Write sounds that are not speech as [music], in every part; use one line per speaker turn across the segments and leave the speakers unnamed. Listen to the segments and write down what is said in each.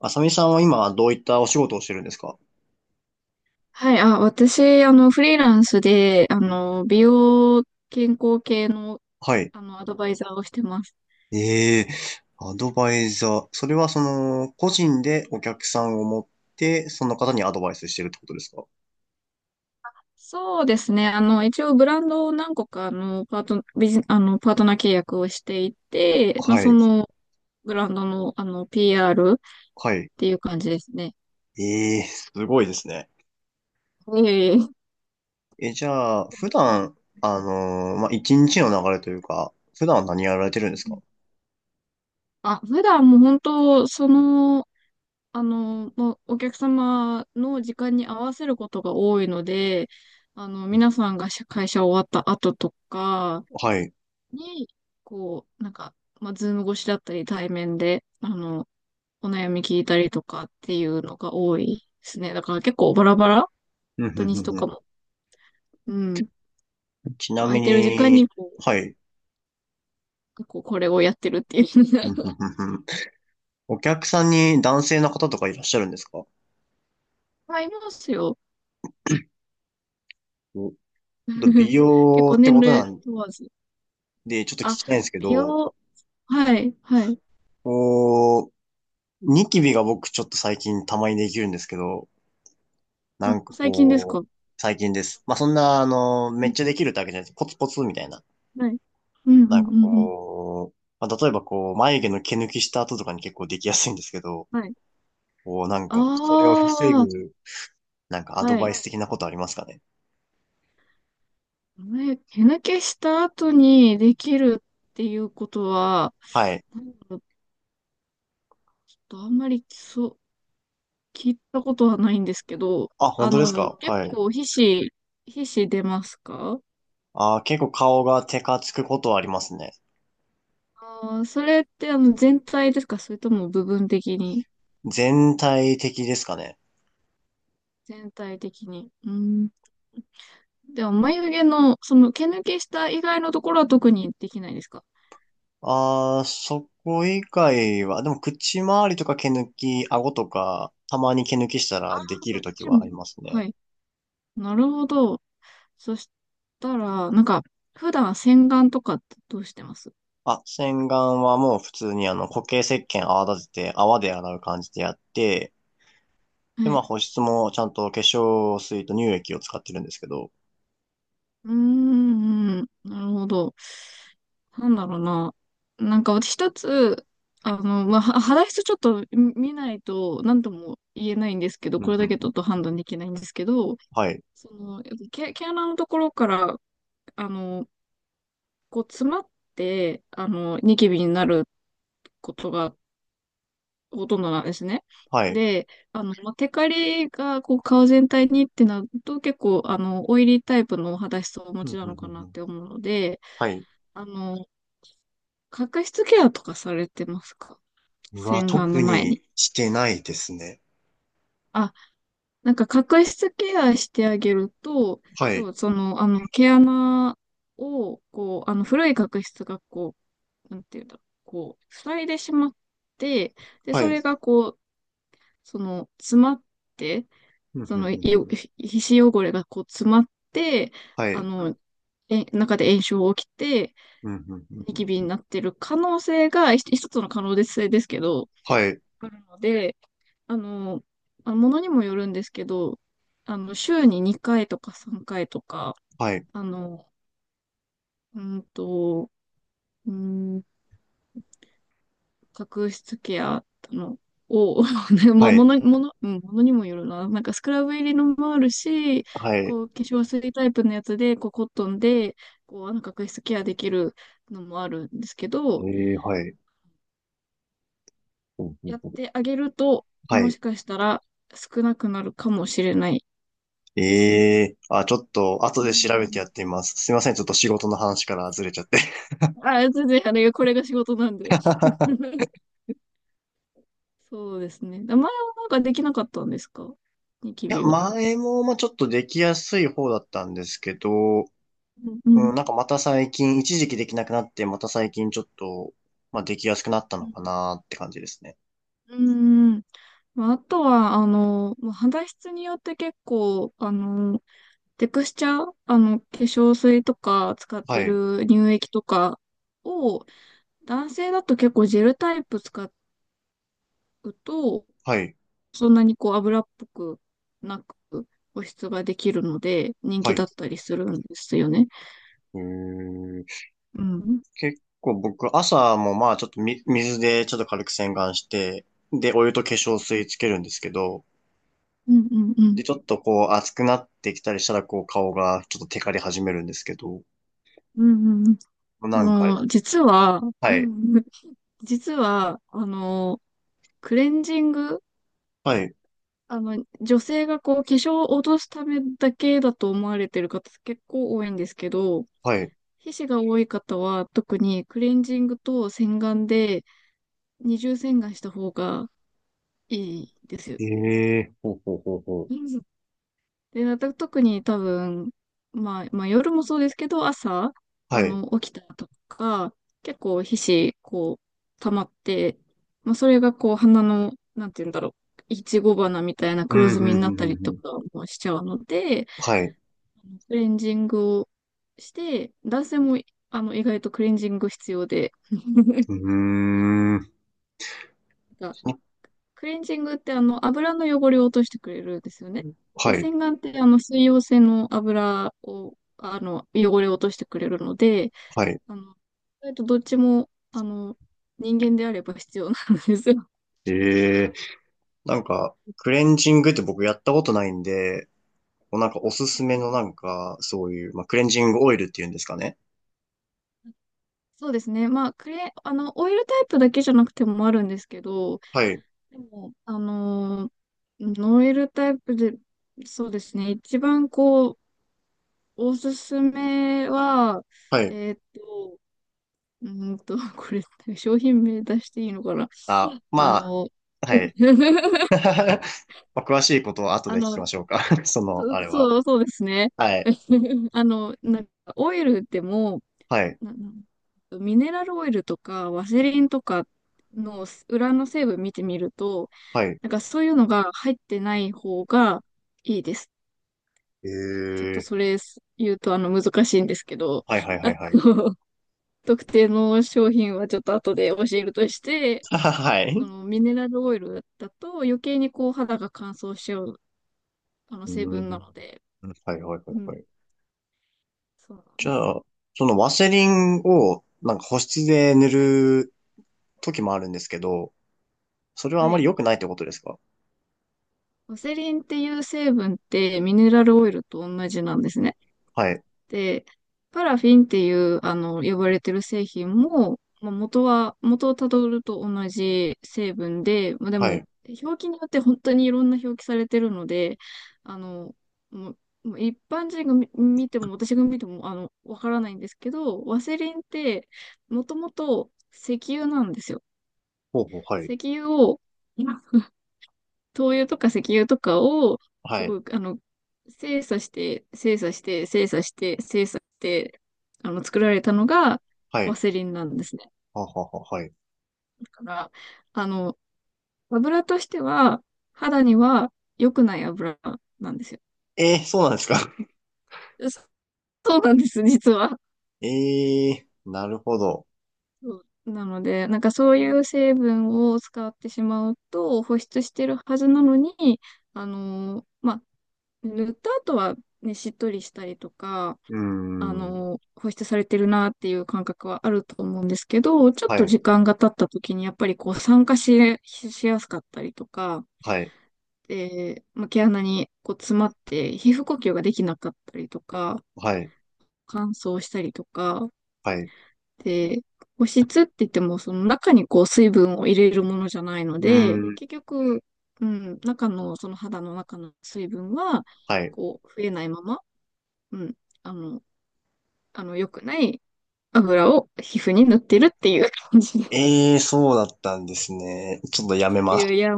あさみさんは今どういったお仕事をしてるんですか？
はい、私、フリーランスで、美容健康系の、
はい。
アドバイザーをしてます。
ええ、アドバイザー。それは個人でお客さんを持って、その方にアドバイスしてるってことですか？
そうですね。一応ブランドを何個か、あの、パート、ビジ、あの、パートナー契約をしていて、まあ、
は
そ
い。
の、ブランドの、PR っ
はい。
ていう感じですね。
ええ、すごいですね。
いえいえ。
え、じゃあ、普段、まあ、一日の流れというか、普段は何やられてるんですか？
普段もう本当、その、もうお客様の時間に合わせることが多いので、
うん。
皆さんが会社終わった後とか
はい。
に、こう、なんか、まあ、ズーム越しだったり、対面で、お悩み聞いたりとかっていうのが多いですね。だから結構バラバラ、
うんう
土
ん
日
うん
と
う
か
ん。
も。うん。
ちな
空
み
いてる時間
に、
に、こ
はい。
う、こうこれをやってるっていう。
うんうん
[laughs]
うんうん。お客さんに男性の方とかいらっしゃるんですか？
あ、いいますよ。
お、ちょっと美
[laughs] 結
容
構
って
年
ことな
齢
ん
問わず。
で、ちょっと聞
あ、
きたいんですけ
美
ど、
容、はい、はい。
こう、ニキビが僕ちょっと最近たまにできるんですけど、な
あ、
んか
最近ですか？
最近です。まあ、そんな、
う
めっ
ん、
ちゃできるってわけじゃないです。ポツポツみたいな。
はい。うん、うん、
なんか
うん、うん。
まあ、例えば眉毛の毛抜きした後とかに結構できやすいんですけど、
はい。
なん
あ
か、それを防
あ、
ぐ、なんかア
は
ドバ
い。
イス的なことありますかね？
え、手抜けした後にできるっていうことは、
はい。
なんだろう、ちょっとあんまりそう、聞いたことはないんですけど、
あ、本当ですか？
結
はい。
構皮脂、皮脂出ますか？
あー、結構顔がテカつくことはありますね。
あー、それってあの全体ですか、それとも部分的に？
全体的ですかね？
全体的に。うん。でも眉毛の、その毛抜けした以外のところは特にできないですか？
ああ、そこ以外は、でも口周りとか毛抜き、顎とか、たまに毛抜きしたらでき
そっ
るとき
ち
は
も。
あります
は
ね。
い。なるほど。そしたら、なんか、普段洗顔とかってどうしてます？
あ、洗顔はもう普通に固形石鹸泡立てて泡で洗う感じでやって、で、
は
まあ
い。
保湿もちゃんと化粧水と乳液を使ってるんですけど。
うーん、なるほど。なんだろうな。なんか私一つ、まあ、は肌質ちょっと見ないと何とも言えないんですけど、
う
こ
ん
れ
う
だ
ん
け
う
ち
ん。
ょっと判断できないんですけど、
はい。
その、やっぱ毛、毛穴のところから、あの、こう詰まって、ニキビになることがほとんどなんですね。
はい。
で、まあ、テカリがこう顔全体にってなると結構あの、オイリータイプのお肌質をお持
う
ち
ん
な
うんう
のか
ん
な
う
っ
ん。
て思うので、
はい。
あの、角質ケアとかされてますか？
うわ、
洗顔の
特
前に。
にしてないですね。
あ、なんか角質ケアしてあげると、
は
要
い。
はその、毛穴を、こう、古い角質がこう、なんていうんだろう、こう、塞いでしまって、で、
は
そ
い。
れがこう、その、詰まって、
うんうん
そ
う
の、い
んう
よ
ん。
皮脂汚れがこう詰まって、
は
あ
い。
の、中で炎症起きて、
うんうんうん
ニ
う
キ
ん。
ビになってる可能性が一つの可能性ですけど、
はい。
あるので、あの、まあものにもよるんですけど、週に2回とか3回とか、
はい。
あの、うんと、うん角質ケアのを、[laughs] ね、ま
は
あ、
い。
ものにもよるな。なんかスクラブ入りのもあるし、
はい。
こう、化粧水タイプのやつで、こう、コットンで、こう、角質ケアできるのもあるんですけ
え
ど、
え、はい。うんうん
やっ
うん。
てあげると、
は
も
い。
しかしたら少なくなるかもしれない
え
です。
え、あ、ちょっと、後
う
で
ん。
調べてやってみます。すいません、ちょっと仕事の話からずれちゃって。
あ、全然、あれ、これが仕事なんで。
[laughs]
[laughs] そうですね。前はなんかできなかったんですか、ニキ
いや、
ビは。
前も、まあ、ちょっとできやすい方だったんですけど、
うん。
うん、なんかまた最近、一時期できなくなって、また最近ちょっと、まあ、できやすくなった
う
の
ん。
かなって感じですね。
うーん。まあ、あとは、まあ肌質によって結構、テクスチャー、化粧水とか使っ
は
て
い、
る乳液とかを、男性だと結構ジェルタイプ使うと、
はい、
そんなにこう油っぽくなく保湿ができるので、人
は
気
い。
だったりするんですよね。
えー
うん。
結構僕、朝もまあ、ちょっと水でちょっと軽く洗顔して、で、お湯と化粧水つけるんですけど、
うんうんう
で、
ん。
ちょっと熱くなってきたりしたら、顔がちょっとテカり始めるんですけど、
うんうんうん。
なんかあれなんですか？
実は、う
はい。
ん [laughs] 実は、クレンジング、
はい。
女性がこう、化粧を落とすためだけだと思われてる方結構多いんですけど、
はい。
皮脂が多い方は特にクレンジングと洗顔で二重洗顔した方がいいですよ。
ええー、ほうほうほうほう。
うん。で、また特に多分、まあ、まあ夜もそうですけど、朝、
はい。
起きたとか、結構皮脂、こう、溜まって、まあそれがこう、鼻の、なんて言うんだろう、いちご花みたいな
うん、
黒
う
ず
ん、
みに
う
な
ん、
った
う
り
ん。う
と
ん。
かもしちゃうので、
はい。う
クレンジングをして、男性もあの意外とクレンジング必要で、[laughs]
ーん。
なんかクレンジングってあの油の汚れを落としてくれるんですよね。で、
はい。
洗顔ってあの水溶性の油を、あの汚れを落としてくれるので、
はい。
あの意外とどっちもあの人間であれば必要なんですよ。
ええー。なんか、クレンジングって僕やったことないんで、なんかおす
は
す
い。
めのなんか、そういう、まあ、クレンジングオイルっていうんですかね。
そうですね。まあ、クレ、あの、オイルタイプだけじゃなくてもあるんですけど、
はい。
でも、ノエルタイプで、そうですね、一番こう、おすすめは、
はい。
えーっと、[laughs] これ、商品名出していいのかな？
あ、
あ
ま
の、
あ、はい。
[laughs]
[laughs] まあ、詳しいことは後
あ
で聞き
の、
ましょうか。[laughs] その、あれは。
そうですね。
はい。
[laughs] あの、なんか、オイルでも、
はい。
ななんミネラルオイルとか、ワセリンとかの裏の成分見てみると、
はい。
なんかそういうのが入ってない方がいいです。
え
ちょっと
ー。
それ言うとあの難しいんですけど、
はいはいは
あ
い
の、
はい。
[laughs] 特定の商品はちょっと後で教えるとして、
[laughs] ははは
そ
い。
のミネラルオイルだと余計にこう肌が乾燥しちゃうあの
うー
成分な
ん。
ので、
はいはいは
う
いは
ん、
い。
そうなん
じ
です。
ゃあ、そのワセリンを、なんか保湿で塗
はい。
る時もあるんですけど、それはあ
は
まり
い。
良くないってことですか？
ワセリンっていう成分ってミネラルオイルと同じなんですね。
はい。
で、パラフィンっていう、呼ばれてる製品も、まあ、元をたどると同じ成分で、まあ、で
は
も、
い。
表記によって本当にいろんな表記されてるので、あの、もう、もう一般人が見ても、私が見ても、わからないんですけど、ワセリンって、もともと石油なんですよ。
ほうほう、はい。
石油を、[laughs] 灯油とか石油とかを、
は
す
い。
ごい、精査して、精査して、精査して、精査して、作られたのが、
は
ワ
い。
セリンな
う
ん
ん
ですね。
ははは、はい。
だから、あの、油としては、肌には良くない油なんですよ。
えー、そうなんですか？
そそうなんです、実は。
え、 [laughs] えー、なるほど。
そうなので、なんかそういう成分を使ってしまうと、保湿してるはずなのに、まあ、塗った後はね、しっとりしたりとか、
うーん。
保湿されてるなっていう感覚はあると思うんですけど、ちょっ
は
と
い。
時間が経った時にやっぱりこう酸化し、しやすかったりとか、
はい。
で、まあ、毛穴にこう詰まって皮膚呼吸ができなかったりとか、
はい。
乾燥したりとか、
はい。う
で、保湿って言ってもその中にこう水分を入れるものじゃないの
ー
で、
ん。
結局、うん、中のその肌の中の水分は
はい。
こう増えないまま、うん、あの、あの良くない油を皮膚に塗ってるっていう感じの。
ええ、そうだったんですね。ちょっとやめ
い
ます。
やいや、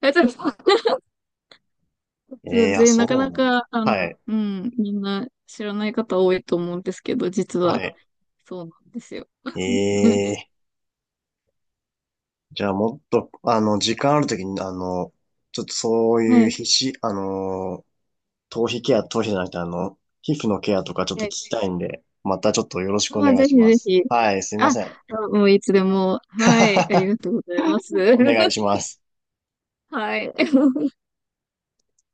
あ、ちょっと
ええ、あ、
で [laughs]、
そ
なか
う
な
なの。
か、
はい。
みんな知らない方多いと思うんですけど、実
は
は
い。
そうなんですよ。
え
[laughs]
え、じゃあもっと、時間あるときに、ちょっとそうい
は
う
い。
皮脂、頭皮ケア、頭皮じゃなくて、皮膚のケアとかちょっ
は
と聞
い。
きたいんで、またちょっとよろしくお
まあ、
願い
ぜ
し
ひ
ま
ぜ
す。
ひ。
はい、すいま
あ、
せん。
あ、もういつでも。はい。あり
[laughs]
がとうございます。
お願いしま
[laughs]
す。
はい。